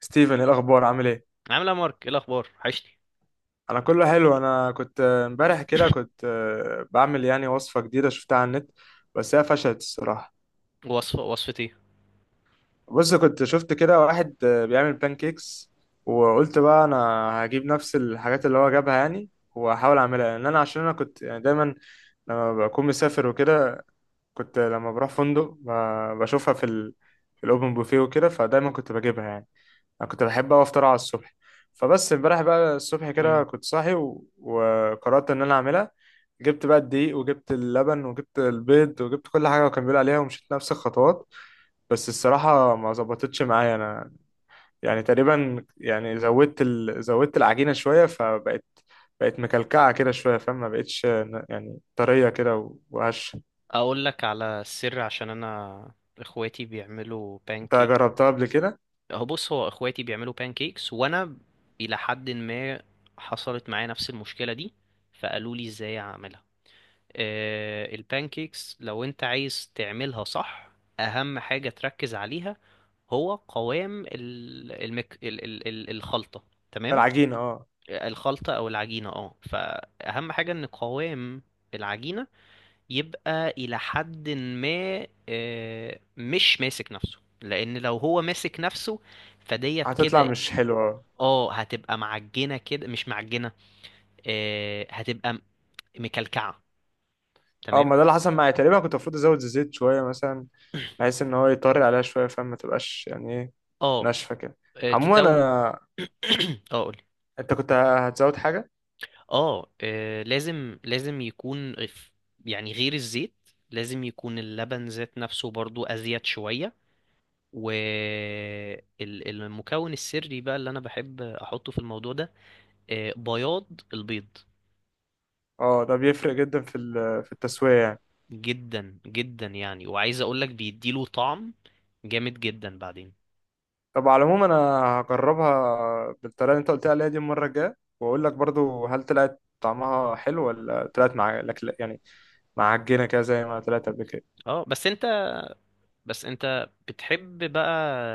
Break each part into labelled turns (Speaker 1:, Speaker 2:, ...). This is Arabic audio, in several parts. Speaker 1: ستيفن، إيه الاخبار؟ عامل ايه؟
Speaker 2: عامل ايه يا مارك؟ ايه الاخبار؟ وحشني.
Speaker 1: انا كله حلو. انا كنت امبارح كده كنت بعمل يعني وصفه جديده شفتها على النت. بس هي فشلت الصراحه.
Speaker 2: وصفتي؟
Speaker 1: بص، كنت شفت كده واحد بيعمل بانكيكس. وقلت بقى انا هجيب نفس الحاجات اللي هو جابها يعني. واحاول اعملها لان انا عشان انا كنت يعني دايما لما بكون مسافر وكده. كنت لما بروح فندق بشوفها في في الاوبن بوفيه وكده، فدايما كنت بجيبها يعني. انا كنت بحب اوي افطر على الصبح. فبس امبارح بقى الصبح كده
Speaker 2: مم.
Speaker 1: كنت صاحي وقررت ان انا اعملها. جبت بقى الدقيق وجبت اللبن وجبت البيض وجبت كل حاجه وكان بيقول عليها ومشيت نفس الخطوات. بس الصراحه ما ظبطتش معايا انا، يعني تقريبا يعني زودت العجينه شويه فبقت. بقت مكلكعه كده شويه، فاهم؟ ما بقتش يعني طريه كده وهشه.
Speaker 2: اقول لك على السر، عشان انا اخواتي بيعملوا
Speaker 1: انت
Speaker 2: بانكيك.
Speaker 1: جربتها قبل كده؟
Speaker 2: هو بص، هو اخواتي بيعملوا بانكيكس، وانا الى حد ما حصلت معايا نفس المشكله دي، فقالوا لي ازاي اعملها. البانكيكس لو انت عايز تعملها صح، اهم حاجه تركز عليها هو قوام ال- المك... ال... ال... ال- الخلطه. تمام.
Speaker 1: العجينه، اه.
Speaker 2: الخلطة أو العجينة، فأهم حاجة إن قوام العجينة يبقى إلى حد ما مش ماسك نفسه، لأن لو هو ماسك نفسه فديت
Speaker 1: هتطلع
Speaker 2: كده.
Speaker 1: مش حلوه.
Speaker 2: اه، هتبقى معجنة كده، مش معجنة. هتبقى مكلكعة.
Speaker 1: اه،
Speaker 2: تمام.
Speaker 1: ما ده اللي حصل معايا. تقريبا كنت المفروض ازود الزيت شويه مثلا، بحيث ان هو يطري عليها شويه فما تبقاش يعني ايه،
Speaker 2: اه
Speaker 1: ناشفه كده.
Speaker 2: آه،
Speaker 1: عموما
Speaker 2: لو
Speaker 1: انا،
Speaker 2: اه قولي.
Speaker 1: انت كنت هتزود حاجه؟
Speaker 2: لازم يكون يعني غير الزيت. لازم يكون اللبن ذات نفسه برضو أزيد شوية. والمكون السري بقى اللي انا بحب احطه في الموضوع ده، بياض البيض.
Speaker 1: اه، ده بيفرق جدا في في التسويه يعني.
Speaker 2: جدا جدا يعني، وعايز اقول لك بيديله طعم جامد جدا بعدين.
Speaker 1: طب على العموم انا هجربها بالطريقه اللي انت قلت عليها دي المره الجايه، واقول لك برضو هل طلعت طعمها حلو ولا طلعت مع لك يعني معجنه كده زي ما طلعت قبل كده.
Speaker 2: اه، بس انت بتحب بقى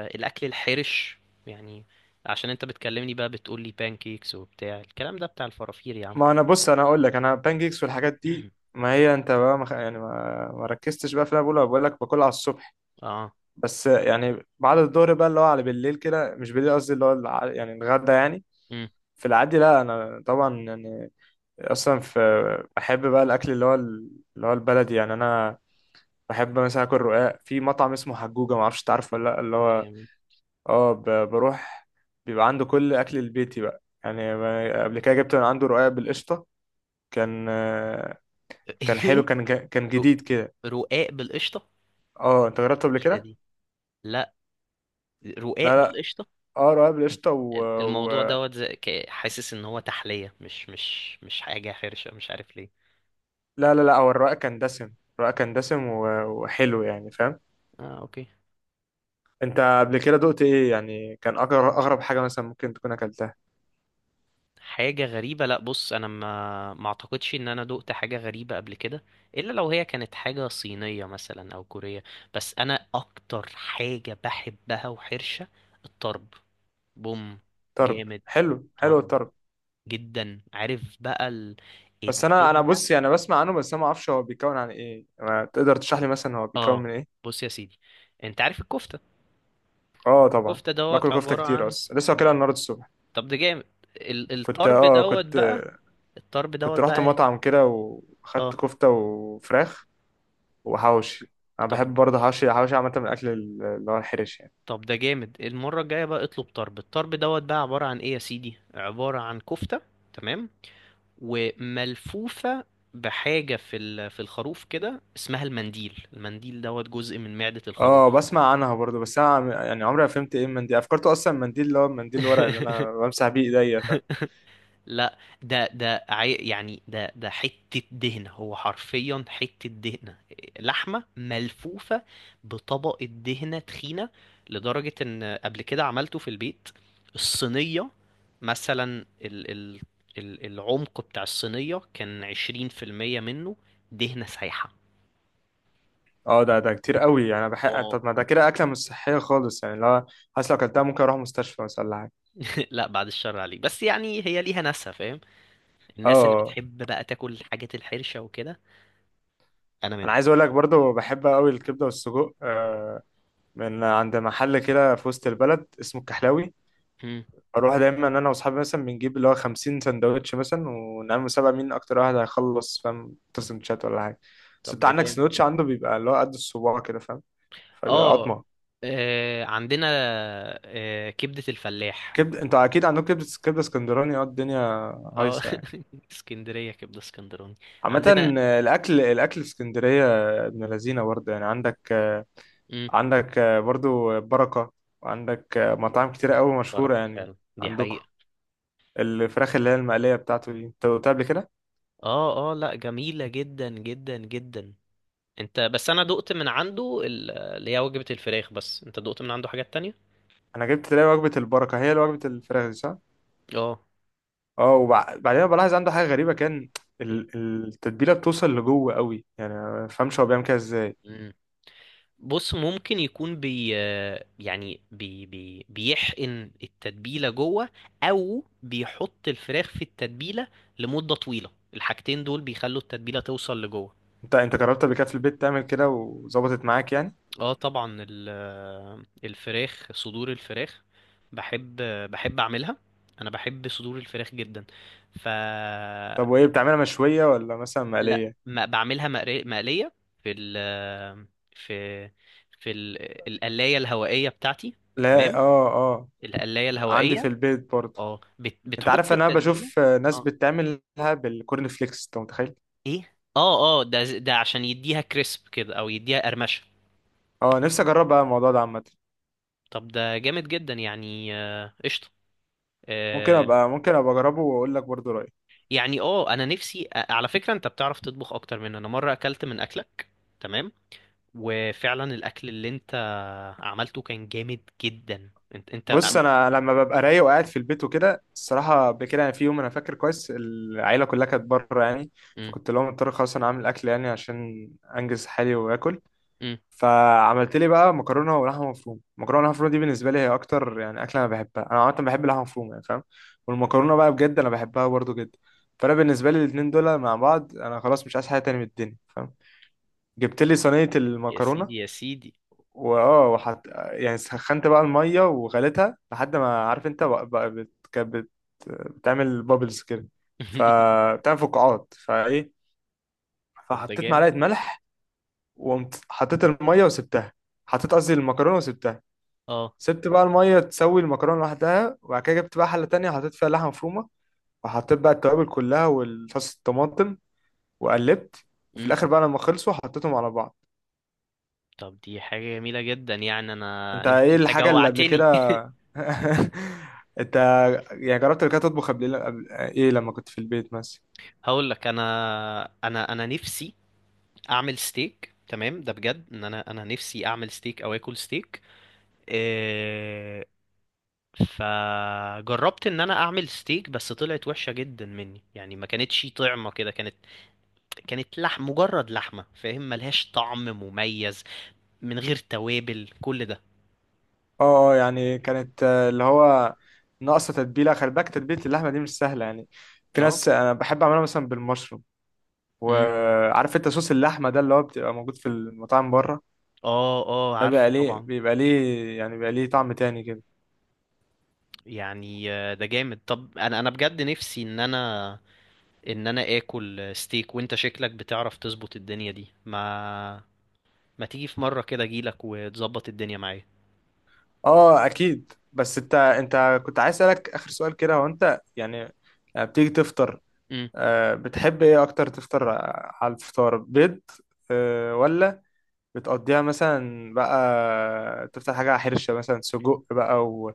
Speaker 2: الاكل الحرش، يعني عشان انت بتكلمني بقى بتقول لي بانكيكس وبتاع الكلام ده بتاع الفرافير يا عم.
Speaker 1: ما انا بص، انا اقول لك، انا بان كيكس والحاجات دي، ما هي انت بقى يعني ما ركزتش بقى في اللي انا بقوله. بقول لك باكلها على الصبح،
Speaker 2: اه.
Speaker 1: بس يعني بعد الظهر بقى، اللي هو على بالليل كده. مش بالليل، قصدي اللي هو يعني الغدا يعني.
Speaker 2: امم
Speaker 1: في العادي لا، انا طبعا يعني اصلا في، بحب بقى الاكل اللي هو اللي هو البلدي يعني. انا بحب مثلا اكل رقاق في مطعم اسمه حجوجة، ما اعرفش تعرف ولا لا، اللي هو،
Speaker 2: جامد.
Speaker 1: اه، بروح. بيبقى عنده كل اكل البيتي بقى يعني. قبل كده جبت من عنده رقاق بالقشطة. كان آه، كان حلو، كان
Speaker 2: رو-
Speaker 1: جديد كده.
Speaker 2: رقاق بالقشطه
Speaker 1: اه، انت جربته قبل
Speaker 2: جديده
Speaker 1: كده؟
Speaker 2: دي؟ لا. رقاق
Speaker 1: لا لا.
Speaker 2: بالقشطه.
Speaker 1: اه، رقاق بالقشطة.
Speaker 2: الموضوع دوت، حاسس ان هو تحلية، مش حاجة حرشة، مش عارف ليه.
Speaker 1: لا لا لا، هو الرقاق كان دسم. الرقاق كان دسم وحلو يعني، فاهم؟
Speaker 2: اه، اوكي.
Speaker 1: انت قبل كده دقت ايه يعني؟ كان اغرب اغرب حاجه مثلا ممكن تكون اكلتها؟
Speaker 2: حاجة غريبة؟ لا، بص، انا ما اعتقدش ان انا دقت حاجة غريبة قبل كده، الا لو هي كانت حاجة صينية مثلا او كورية. بس انا اكتر حاجة بحبها وحرشة، الطرب. بوم.
Speaker 1: طرب،
Speaker 2: جامد.
Speaker 1: حلو حلو
Speaker 2: طرب.
Speaker 1: الطرب.
Speaker 2: جدا. عارف بقى
Speaker 1: بس انا
Speaker 2: الدهنة.
Speaker 1: بص، يعني بسمع عنه بس انا ما اعرفش هو بيتكون عن ايه. ما تقدر تشرح لي مثلا هو بيتكون
Speaker 2: اه،
Speaker 1: من ايه؟
Speaker 2: بص يا سيدي، انت عارف الكفتة؟
Speaker 1: اه طبعا،
Speaker 2: الكفتة دوت
Speaker 1: باكل كفته
Speaker 2: عبارة
Speaker 1: كتير
Speaker 2: عن…
Speaker 1: اصلا، لسه واكلها النهارده الصبح.
Speaker 2: طب ده جامد. ال-
Speaker 1: كنت
Speaker 2: الطرب
Speaker 1: اه
Speaker 2: دوت
Speaker 1: كنت
Speaker 2: بقى الطرب
Speaker 1: كنت
Speaker 2: دوت
Speaker 1: رحت
Speaker 2: بقى ايه؟
Speaker 1: مطعم كده واخدت
Speaker 2: اه،
Speaker 1: كفته وفراخ وحوشي. انا
Speaker 2: طب
Speaker 1: بحب برضه حوشي حوشي عامه من الاكل اللي هو الحرش يعني.
Speaker 2: طب ده جامد. المرة الجاية بقى اطلب طرب. الطرب دوت بقى عبارة عن ايه يا سيدي؟ عبارة عن كفتة، تمام، وملفوفة بحاجة في في الخروف كده، اسمها المنديل. المنديل دوت جزء من معدة
Speaker 1: اه
Speaker 2: الخروف.
Speaker 1: بسمع عنها برضو، بس انا يعني عمري ما فهمت ايه المنديل. افكرته اصلا المنديل اللي هو المنديل الورق اللي انا بمسح بيه ايديا
Speaker 2: لا، ده يعني ده حتة دهنة. هو حرفيا حتة دهنة، لحمة ملفوفة بطبقة دهنة تخينة. لدرجة ان قبل كده عملته في البيت، الصينية مثلا، العمق بتاع الصينية كان 20% منه دهنة سايحة.
Speaker 1: اه ده كتير قوي يعني. أنا بحق،
Speaker 2: اه.
Speaker 1: طب ما ده كده اكله مش صحيه خالص يعني. لو، حاسس لو اكلتها ممكن اروح مستشفى مثلا ولا حاجه.
Speaker 2: لا، بعد الشر عليك. بس يعني هي ليها ناسها، فاهم، الناس اللي
Speaker 1: اه،
Speaker 2: بتحب بقى تاكل الحاجات الحرشة وكده. انا
Speaker 1: انا
Speaker 2: منهم.
Speaker 1: عايز اقول لك برضو، بحب قوي الكبده والسجق من عند محل كده في وسط البلد اسمه الكحلاوي.
Speaker 2: مم.
Speaker 1: اروح دايما انا واصحابي، مثلا بنجيب اللي هو 50 سندوتش مثلا، ونعمل مسابقه مين اكتر واحد هيخلص، فاهم؟ 6 سندوتشات ولا حاجه. بس
Speaker 2: طب
Speaker 1: انت
Speaker 2: ده
Speaker 1: عندك
Speaker 2: جامد.
Speaker 1: سندوتش، عنده بيبقى اللي هو قد الصباع كده، فاهم؟ فبيبقى
Speaker 2: اه،
Speaker 1: قطمة.
Speaker 2: عندنا كبدة الفلاح.
Speaker 1: كبد، انتوا اكيد عندكم كبدة، كبدة اسكندراني. اه الدنيا
Speaker 2: اه.
Speaker 1: هايصة يعني
Speaker 2: اسكندرية، كبدة اسكندراني عندنا.
Speaker 1: عامة. الأكل في اسكندرية، ابن لذينة برضه يعني. عندك
Speaker 2: مم.
Speaker 1: برضه بركة، وعندك مطاعم كتيرة أوي مشهورة
Speaker 2: بركة،
Speaker 1: يعني.
Speaker 2: فعلا دي
Speaker 1: عندكم
Speaker 2: حقيقة.
Speaker 1: الفراخ اللي هي المقلية بتاعته دي انت قلتها قبل كده.
Speaker 2: اه، اه، لا، جميلة جدا جدا جدا. انت بس، انا دقت من عنده اللي هي وجبة الفراخ، بس انت دقت من عنده حاجات تانية؟
Speaker 1: أنا جبت، تلاقي وجبة البركة هي اللي وجبة الفراخ دي، صح؟
Speaker 2: اه،
Speaker 1: اه. وبعدين بلاحظ عنده حاجة غريبة، كان التتبيلة بتوصل لجوه قوي يعني، ما بفهمش هو بيعمل كده ازاي.
Speaker 2: بص، ممكن يكون يعني بي بي بيحقن التتبيلة جوه، أو بيحط الفراخ في التتبيلة لمدة طويلة. الحاجتين دول بيخلوا التتبيلة توصل لجوه.
Speaker 1: انت جربت قبل كده في البيت تعمل كده وظبطت معاك يعني؟
Speaker 2: اه طبعا، ال- الفراخ صدور الفراخ، بحب بحب أعملها. أنا بحب صدور الفراخ جدا. ف
Speaker 1: طب وايه، بتعملها مشوية ولا مثلا
Speaker 2: لا،
Speaker 1: مقلية؟
Speaker 2: ما بعملها مقلية في ال في في ال- القلاية الهوائية بتاعتي.
Speaker 1: لا
Speaker 2: تمام،
Speaker 1: اه اه،
Speaker 2: القلاية
Speaker 1: عندي في
Speaker 2: الهوائية.
Speaker 1: البيت برضه.
Speaker 2: اه،
Speaker 1: انت
Speaker 2: بتحط
Speaker 1: عارف انا
Speaker 2: التتبيله.
Speaker 1: بشوف ناس
Speaker 2: اه،
Speaker 1: بتعملها بالكورن فليكس، انت متخيل؟
Speaker 2: ايه؟ اه اه، ده عشان يديها كريسب كده، او يديها قرمشه.
Speaker 1: اه نفسي اجرب بقى الموضوع ده عامة.
Speaker 2: طب ده جامد جدا يعني. قشطه. آه،
Speaker 1: ممكن ابقى اجربه واقول لك برضه رأيي.
Speaker 2: يعني انا نفسي على فكره، انت بتعرف تطبخ اكتر مني. انا مره اكلت من اكلك، تمام، وفعلا الاكل اللي انت عملته كان جامد جدا. انت
Speaker 1: بص انا لما ببقى رايق وقاعد في البيت وكده الصراحة بكده يعني. في يوم انا فاكر كويس العيلة كلها كانت بره يعني،
Speaker 2: امم
Speaker 1: فكنت لهم مضطر خلاص انا عامل اكل يعني عشان انجز حالي واكل.
Speaker 2: امم
Speaker 1: فعملت لي بقى مكرونه ولحمه مفرومه. المكرونه واللحمه المفرومه دي بالنسبه لي هي اكتر يعني اكله انا بحبها. انا عامه بحب اللحمه المفرومه يعني، فاهم؟ والمكرونه بقى بجد انا بحبها برضو جدا. فانا بالنسبه لي الاثنين دول مع بعض، انا خلاص مش عايز حاجه تاني من الدنيا، فاهم؟ جبت لي صينيه
Speaker 2: يا سيدي،
Speaker 1: المكرونه،
Speaker 2: يا سيدي.
Speaker 1: واه وحط يعني، سخنت بقى الميه وغليتها لحد ما، عارف انت، بقى بتعمل بابلز كده، فبتعمل فقاعات فايه.
Speaker 2: طب ده
Speaker 1: فحطيت
Speaker 2: جامد.
Speaker 1: معلقه ملح، وقمت حطيت الميه وسبتها. حطيت قصدي المكرونه وسبتها.
Speaker 2: اه.
Speaker 1: سبت بقى المية تسوي المكرونة لوحدها. وبعد كده جبت بقى حلة تانية حطيت فيها لحمة مفرومة، وحطيت بقى التوابل كلها والصوص الطماطم، وقلبت. وفي
Speaker 2: امم
Speaker 1: الآخر بقى لما خلصوا حطيتهم على بعض.
Speaker 2: طب دي حاجه جميله جدا يعني. انا
Speaker 1: أنت
Speaker 2: انت
Speaker 1: إيه
Speaker 2: انت
Speaker 1: الحاجة اللي قبل كده،
Speaker 2: جوعتني.
Speaker 1: أنت يعني جربت قبل كده تطبخ، إيه، لما كنت في البيت مثلا؟
Speaker 2: هقول لك، انا انا نفسي اعمل ستيك، تمام. ده بجد ان انا، نفسي اعمل ستيك او اكل ستيك. إيه فجربت ان انا اعمل ستيك، بس طلعت وحشة جدا مني، يعني ما كانتش طعمة كده، كانت لحم، مجرد لحمة، فاهم، ملهاش طعم مميز من غير توابل كل ده.
Speaker 1: أه أه، يعني كانت اللي هو ناقصة تتبيلة. خلي بالك، تتبيلة اللحمة دي مش سهلة يعني. في
Speaker 2: اه.
Speaker 1: ناس، أنا بحب أعملها مثلا بالمشروم.
Speaker 2: امم
Speaker 1: وعارف أنت صوص اللحمة ده اللي هو بتبقى موجود في المطاعم بره؟
Speaker 2: اه اه،
Speaker 1: ده بيبقى
Speaker 2: عارفه
Speaker 1: ليه،
Speaker 2: طبعا.
Speaker 1: يعني بيبقى ليه طعم تاني كده.
Speaker 2: يعني ده جامد. طب انا بجد نفسي ان انا ان انا اكل ستيك. وانت شكلك بتعرف تظبط الدنيا دي، ما تيجي في مرة كده اجيلك وتظبط الدنيا معايا.
Speaker 1: اه اكيد. بس انت كنت عايز اسالك اخر سؤال كده. هو انت يعني لما بتيجي تفطر،
Speaker 2: مم.
Speaker 1: بتحب ايه اكتر تفطر؟ على الفطار بيض، ولا بتقضيها مثلا بقى تفطر حاجة حرشة مثلا سجق بقى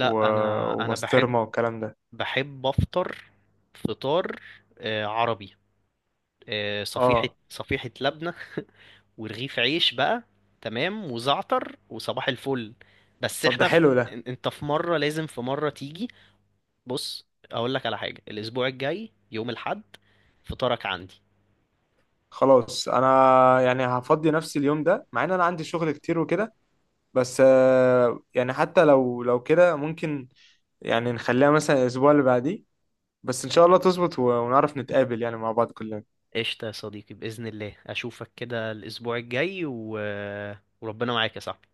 Speaker 1: و...
Speaker 2: انا بحب
Speaker 1: وبسطرمة والكلام ده؟
Speaker 2: بحب افطر فطار عربي، صفيحة
Speaker 1: اه
Speaker 2: صفيحة لبنة ورغيف عيش بقى، تمام، وزعتر، وصباح الفل. بس
Speaker 1: طب ده
Speaker 2: احنا
Speaker 1: حلو ده.
Speaker 2: انت في مرة، لازم في مرة تيجي. بص اقول لك على حاجة، الاسبوع الجاي يوم الاحد فطارك عندي.
Speaker 1: خلاص، انا يعني هفضي نفسي اليوم ده، مع ان انا عندي شغل كتير وكده. بس يعني حتى لو كده ممكن يعني نخليها مثلا الاسبوع اللي بعديه. بس ان شاء الله تظبط ونعرف نتقابل يعني مع بعض كلنا.
Speaker 2: قشطة يا صديقي، بإذن الله أشوفك كده الأسبوع الجاي وربنا معاك يا صاحبي.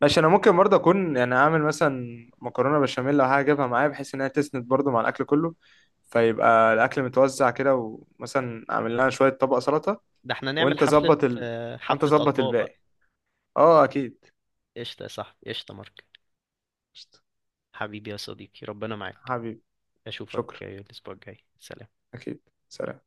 Speaker 1: ماشي، انا ممكن برضه اكون يعني اعمل مثلا مكرونه بشاميل او حاجه اجيبها معايا، بحيث انها تسند برضه مع الاكل كله، فيبقى الاكل متوزع كده. ومثلا اعمل لنا شويه طبق سلطه،
Speaker 2: ده احنا نعمل
Speaker 1: وانت
Speaker 2: حفلة،
Speaker 1: ظبط ال... وانت
Speaker 2: حفلة
Speaker 1: ظبط
Speaker 2: أطباء بقى.
Speaker 1: الباقي. اه اكيد.
Speaker 2: قشطة يا صاحبي، قشطة مارك،
Speaker 1: قشطة.
Speaker 2: حبيبي يا صديقي، ربنا معاك.
Speaker 1: حبيبي،
Speaker 2: أشوفك
Speaker 1: شكرا.
Speaker 2: الأسبوع الجاي. سلام.
Speaker 1: اكيد. سلام.